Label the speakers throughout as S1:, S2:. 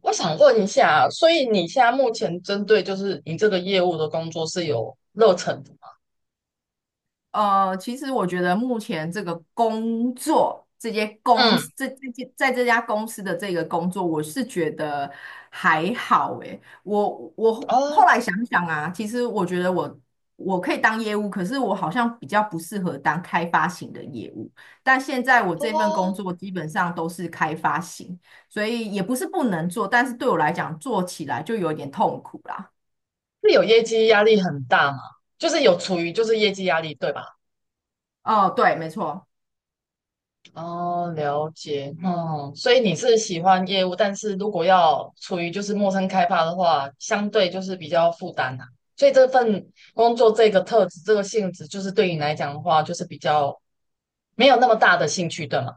S1: 我想问一下，所以你现在目前针对就是你这个业务的工作是有热忱的吗？
S2: 其实我觉得目前这个工作，这些公
S1: 嗯。
S2: 司，这些在这家公司的这个工作，我是觉得还好诶。我我后后
S1: 哦
S2: 来想想啊，其实我觉得我可以当业务，可是我好像比较不适合当开发型的业务。但现在我这份工
S1: 哦，
S2: 作基本上都是开发型，所以也不是不能做，但是对我来讲做起来就有点痛苦啦。
S1: 是有业绩压力很大吗？就是有处于就是业绩压力，对吧？
S2: 哦，对，没错。
S1: 哦，了解，嗯，所以你是喜欢业务，但是如果要处于就是陌生开发的话，相对就是比较负担啊。所以这份工作这个特质这个性质，就是对你来讲的话，就是比较没有那么大的兴趣，对吗？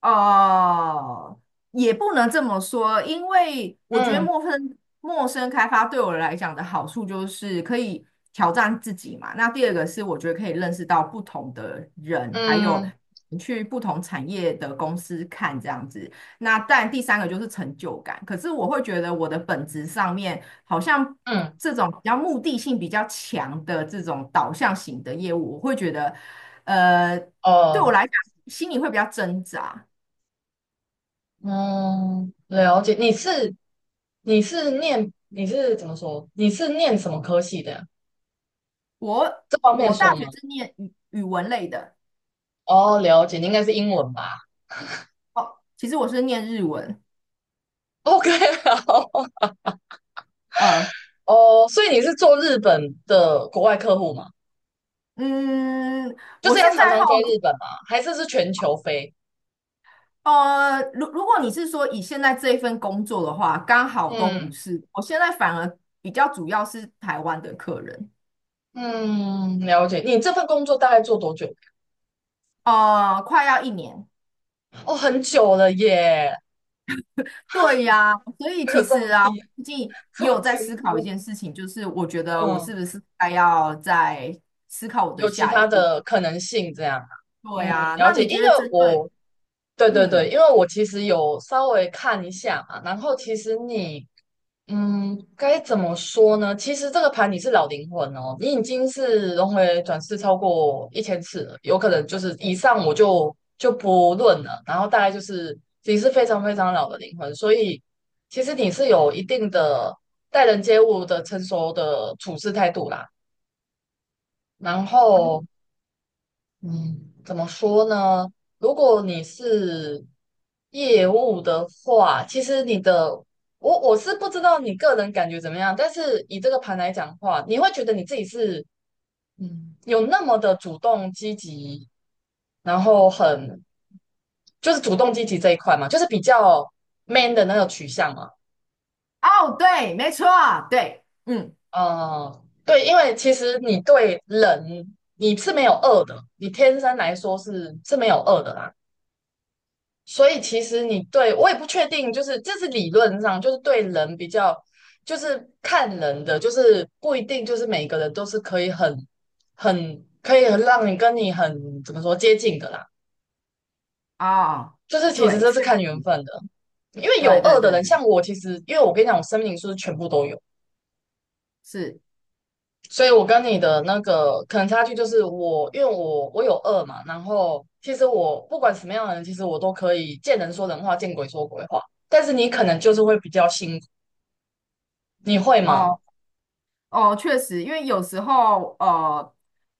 S2: 哦，也不能这么说，因为我觉得
S1: 嗯
S2: 陌生开发对我来讲的好处就是可以挑战自己嘛。那第二个是我觉得可以认识到不同的人，还有
S1: 嗯
S2: 你去不同产业的公司看这样子。那但第三个就是成就感。可是我会觉得我的本质上面好像
S1: 嗯。
S2: 这种比较目的性比较强的这种导向型的业务，我会觉得呃对我
S1: 哦，
S2: 来讲心里会比较挣扎。
S1: 嗯，了解。你是怎么说？你是念什么科系的呀？
S2: 我
S1: 这方面
S2: 我
S1: 说
S2: 大学
S1: 吗？
S2: 是念语文类的，
S1: 哦，了解。你应该是英文吧
S2: 哦，其实我是念日文，
S1: ？OK,好。
S2: 呃，
S1: 哦，所以你是做日本的国外客户吗？
S2: 嗯，
S1: 就
S2: 我
S1: 是要
S2: 现
S1: 常
S2: 在好，
S1: 常飞日本吗？还是全球飞？
S2: 如果你是说以现在这一份工作的话，刚好都
S1: 嗯
S2: 不是，我现在反而比较主要是台湾的客人，
S1: 嗯，了解。你这份工作大概做多久？
S2: 快要一年，
S1: 哦，很久了耶，
S2: 对呀，所以
S1: 有
S2: 其
S1: 这么
S2: 实啊，
S1: 拼，害，
S2: 最近
S1: 这
S2: 也有
S1: 么
S2: 在
S1: 惊
S2: 思考一
S1: 呼。
S2: 件事情，就是我觉得我
S1: 嗯
S2: 是不是该要再思考我的
S1: 有其
S2: 下一
S1: 他
S2: 步？
S1: 的可能性这样啊。
S2: 对
S1: 嗯，
S2: 呀，
S1: 了
S2: 那
S1: 解，
S2: 你
S1: 因
S2: 觉
S1: 为
S2: 得针
S1: 我
S2: 对，
S1: 对对对，
S2: 嗯。
S1: 因为我其实有稍微看一下嘛，然后其实你该怎么说呢？其实这个盘你是老灵魂哦，你已经是轮回转世超过1000次了，有可能就是以上我就不论了，然后大概就是你是非常非常老的灵魂，所以其实你是有一定的待人接物的成熟的处事态度啦。然后嗯，怎么说呢？如果你是业务的话，其实你的我是不知道你个人感觉怎么样，但是以这个盘来讲的话，你会觉得你自己是有那么的主动积极，然后很就是主动积极这一块嘛，就是比较 man 的那个取向嘛。
S2: 哦，对，没错，对，嗯，
S1: 嗯，对，因为其实你对人你是没有恶的，你天生来说是没有恶的啦。所以其实你对我也不确定，就是这是理论上，就是对人比较，就是看人的，就是不一定就是每个人都是可以很可以很让你跟你很怎么说接近的啦，
S2: 哦，
S1: 就是其实
S2: 对，
S1: 这是
S2: 确实
S1: 看缘分的，因为有
S2: 对对
S1: 恶的
S2: 对
S1: 人，
S2: 对，
S1: 像我其实因为我跟你讲，我生命灵数是全部都有，
S2: 是，
S1: 所以我跟你的那个可能差距就是我因为我有恶嘛，然后其实我不管什么样的人，其实我都可以见人说人话，见鬼说鬼话。但是你可能就是会比较辛苦。你会吗？
S2: 哦哦，确实，因为有时候，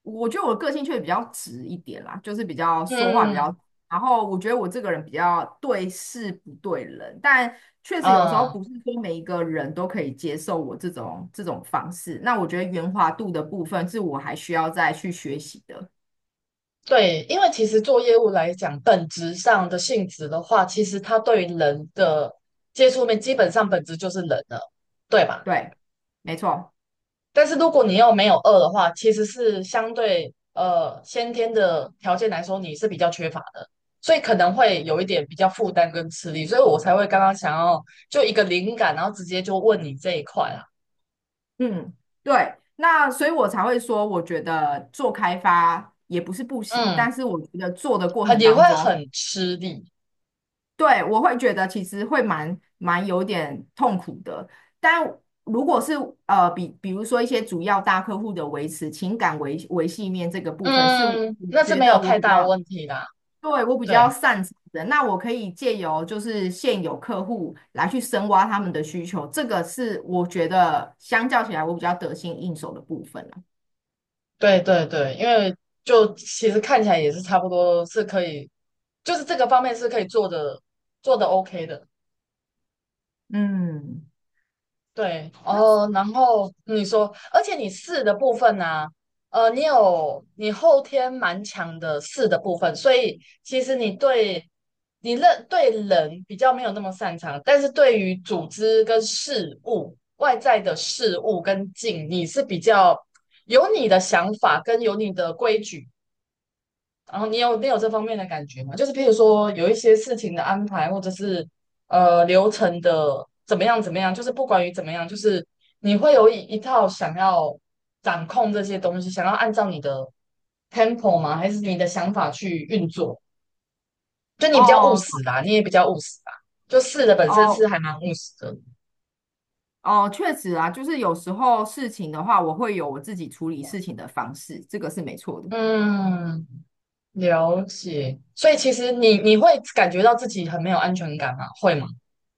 S2: 我觉得我的个性确实比较直一点啦，就是比较说话比
S1: 嗯
S2: 较，然后我觉得我这个人比较对事不对人，但确实有时候
S1: 啊，
S2: 不是说每一个人都可以接受我这种方式，那我觉得圆滑度的部分是我还需要再去学习的，
S1: 对，因为其实做业务来讲，本质上的性质的话，其实它对人的接触面，基本上本质就是人了，对吧？
S2: 对，没错。
S1: 但是如果你又没有饿的话，其实是相对先天的条件来说，你是比较缺乏的，所以可能会有一点比较负担跟吃力，所以我才会刚刚想要就一个灵感，然后直接就问你这一块啊，
S2: 嗯，对，那所以我才会说，我觉得做开发也不是不行，
S1: 嗯，
S2: 但是我觉得做的过
S1: 很
S2: 程
S1: 也会
S2: 当中，
S1: 很吃力。
S2: 对，我会觉得其实会蛮有点痛苦的。但如果是比如说一些主要大客户的维持情感维系面这个部分，是我
S1: 嗯，那是
S2: 觉
S1: 没有
S2: 得我
S1: 太
S2: 比
S1: 大
S2: 较
S1: 问题啦。
S2: 对我比
S1: 对，
S2: 较擅长的，那我可以借由就是现有客户来去深挖他们的需求，这个是我觉得相较起来我比较得心应手的部分啦。
S1: 对，对，对，因为就其实看起来也是差不多是可以，就是这个方面是可以做的，做的 OK 的。
S2: 嗯。
S1: 对，哦，然后你说，而且你四的部分呢、你后天蛮强的四的部分，所以其实你认对人比较没有那么擅长，但是对于组织跟事物、外在的事物跟境，你是比较有你的想法跟有你的规矩。然后你有这方面的感觉吗？就是譬如说有一些事情的安排，或者是流程的怎么样怎么样，就是不管于怎么样，就是你会有一套想要掌控这些东西，想要按照你的 tempo 吗？还是你的想法去运作？就你比较务实
S2: 哦
S1: 啦，你也比较务实啦，就试的本身是
S2: 哦
S1: 还蛮务实的。
S2: 哦，确实啊，就是有时候事情的话，我会有我自己处理事情的方式，这个是没错的。
S1: 嗯，了解。所以其实你会感觉到自己很没有安全感吗？会吗？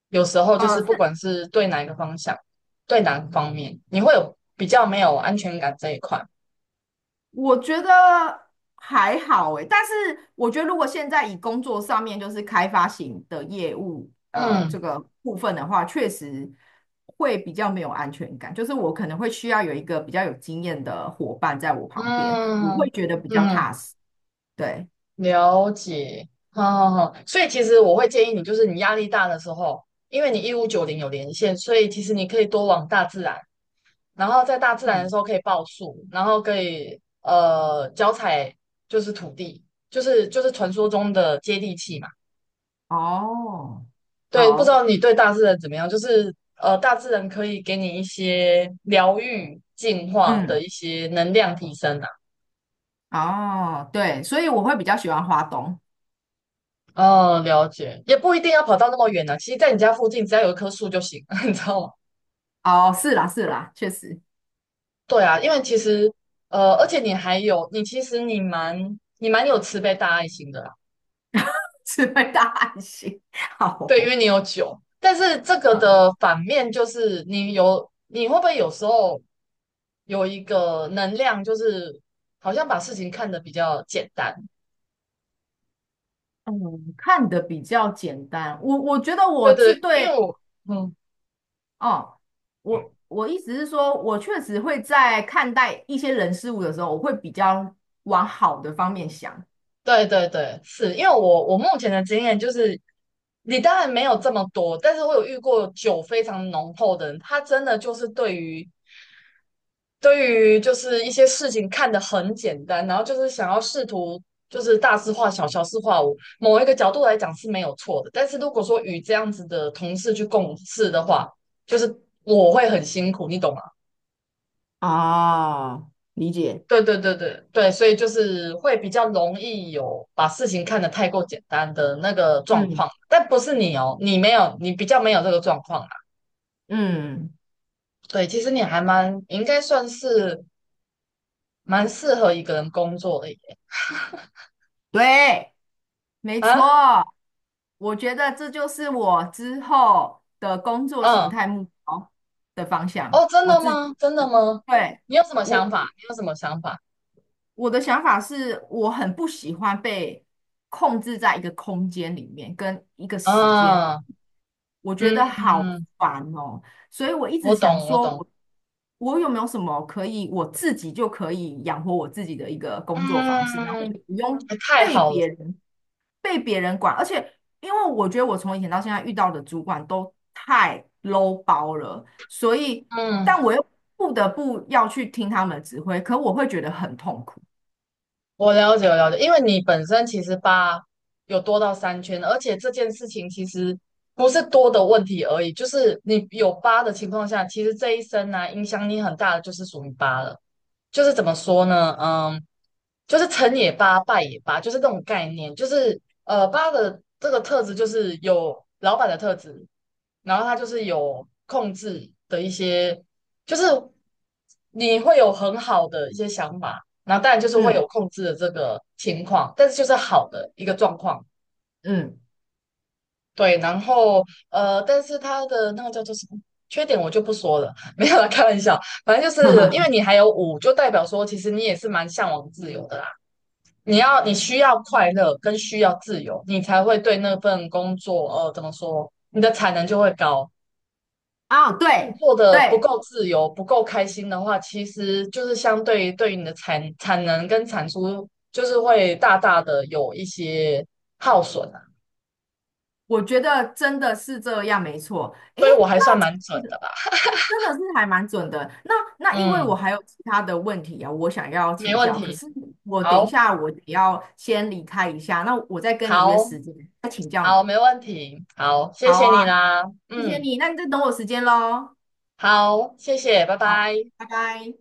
S1: 有时候就是不
S2: 是
S1: 管是对哪一个方向，对哪个方面，你会有比较没有安全感这一块。
S2: 我觉得还好诶，但是我觉得如果现在以工作上面就是开发型的业务，
S1: 嗯
S2: 这个部分的话，确实会比较没有安全感，就是我可能会需要有一个比较有经验的伙伴在我旁边，我
S1: 嗯
S2: 会觉得比较
S1: 嗯，
S2: 踏实。对，
S1: 了解。好好好，所以其实我会建议你，就是你压力大的时候，因为你1590有连线，所以其实你可以多往大自然。然后在大自然的
S2: 嗯，
S1: 时候可以抱树，然后可以脚踩就是土地，就是传说中的接地气嘛。
S2: 哦，
S1: 对，不知
S2: 好，
S1: 道你对大自然怎么样？就是大自然可以给你一些疗愈、净化的
S2: 嗯。
S1: 一些能量提升啊。
S2: 哦，对，所以我会比较喜欢花东。
S1: 哦，了解，也不一定要跑到那么远啊。其实，在你家附近，只要有一棵树就行，你知道吗？
S2: 哦，是啦，是啦，确实
S1: 对啊，因为其实而且你还有，你其实你蛮有慈悲大爱心的。
S2: 是会大汗型。
S1: 对，因为
S2: 好
S1: 你有酒，但是这个
S2: 哦，
S1: 的反面就是你有，你会不会有时候有一个能量，就是好像把事情看得比较简单？
S2: 嗯，看的比较简单。我觉得
S1: 对
S2: 我
S1: 对，
S2: 是
S1: 因为
S2: 对
S1: 我，嗯，
S2: 哦，我意思是说，我确实会在看待一些人事物的时候，我会比较往好的方面想。
S1: 对对对，是因为我目前的经验就是，你当然没有这么多，但是我有遇过酒非常浓厚的人，他真的就是对于就是一些事情看得很简单，然后就是想要试图就是大事化小，小事化无，某一个角度来讲是没有错的。但是如果说与这样子的同事去共事的话，就是我会很辛苦，你懂吗？
S2: 哦，理解。
S1: 对对对对对，所以就是会比较容易有把事情看得太过简单的那个状况，
S2: 嗯
S1: 但不是你哦，你没有，你比较没有这个状况啦。
S2: 嗯，
S1: 对，其实你还蛮应该算是蛮适合一个人工作的耶
S2: 对。没
S1: 啊，
S2: 错，我觉得这就是我之后的工作形
S1: 嗯。
S2: 态目标的方向。
S1: 哦，真
S2: 我
S1: 的
S2: 自
S1: 吗？
S2: 己，
S1: 真的吗？
S2: 对，
S1: 你有什么想
S2: 我，
S1: 法？你有什么想法？
S2: 我的想法是，我很不喜欢被控制在一个空间里面，跟一个时间，
S1: 啊，
S2: 我觉得好
S1: 嗯，
S2: 烦哦。所以我一
S1: 我
S2: 直想
S1: 懂，我
S2: 说
S1: 懂，
S2: 我，我有没有什么可以我自己就可以养活我自己的一个工作方式，然后
S1: 嗯，
S2: 也不用
S1: 太
S2: 被
S1: 好了，
S2: 别人被别人管。而且，因为我觉得我从以前到现在遇到的主管都太 low 包了，所以，
S1: 嗯，
S2: 但我又不得不要去听他们的指挥，可我会觉得很痛苦。
S1: 我了解，我了解，因为你本身其实八有多到三圈，而且这件事情其实不是多的问题而已，就是你有八的情况下，其实这一生呢、影响你很大的就是属于八了，就是怎么说呢？嗯。就是成也八，败也八，就是这种概念。就是八的这个特质就是有老板的特质，然后他就是有控制的一些，就是你会有很好的一些想法，然后当然就是会有
S2: 嗯
S1: 控制的这个情况，但是就是好的一个状况。
S2: 嗯，
S1: 对，然后但是他的那个叫做什么缺点我就不说了，没有啦，开玩笑。反正就是因为 你还有五，就代表说其实你也是蛮向往自由的啦。你需要快乐跟需要自由，你才会对那份工作，怎么说，你的产能就会高。
S2: 啊，
S1: 因为你
S2: 对
S1: 做的不
S2: 对，
S1: 够自由、不够开心的话，其实就是相对于对于你的产能跟产出，就是会大大的有一些耗损啊。
S2: 我觉得真的是这样，没错。诶，
S1: 所以我还算
S2: 那这
S1: 蛮准
S2: 样
S1: 的
S2: 子
S1: 吧，
S2: 真的是还蛮准的。那因为我
S1: 嗯，
S2: 还有其他的问题啊，我想要
S1: 没
S2: 请
S1: 问
S2: 教，可
S1: 题，
S2: 是我等一
S1: 好，
S2: 下我得要先离开一下，那我再跟你约
S1: 好，
S2: 时间再请教
S1: 好，
S2: 你。
S1: 没问题，好，谢
S2: 好
S1: 谢你
S2: 啊，
S1: 啦，
S2: 谢谢
S1: 嗯，
S2: 你，那你就等我时间喽。
S1: 好，谢谢，拜
S2: 好，
S1: 拜。
S2: 拜拜。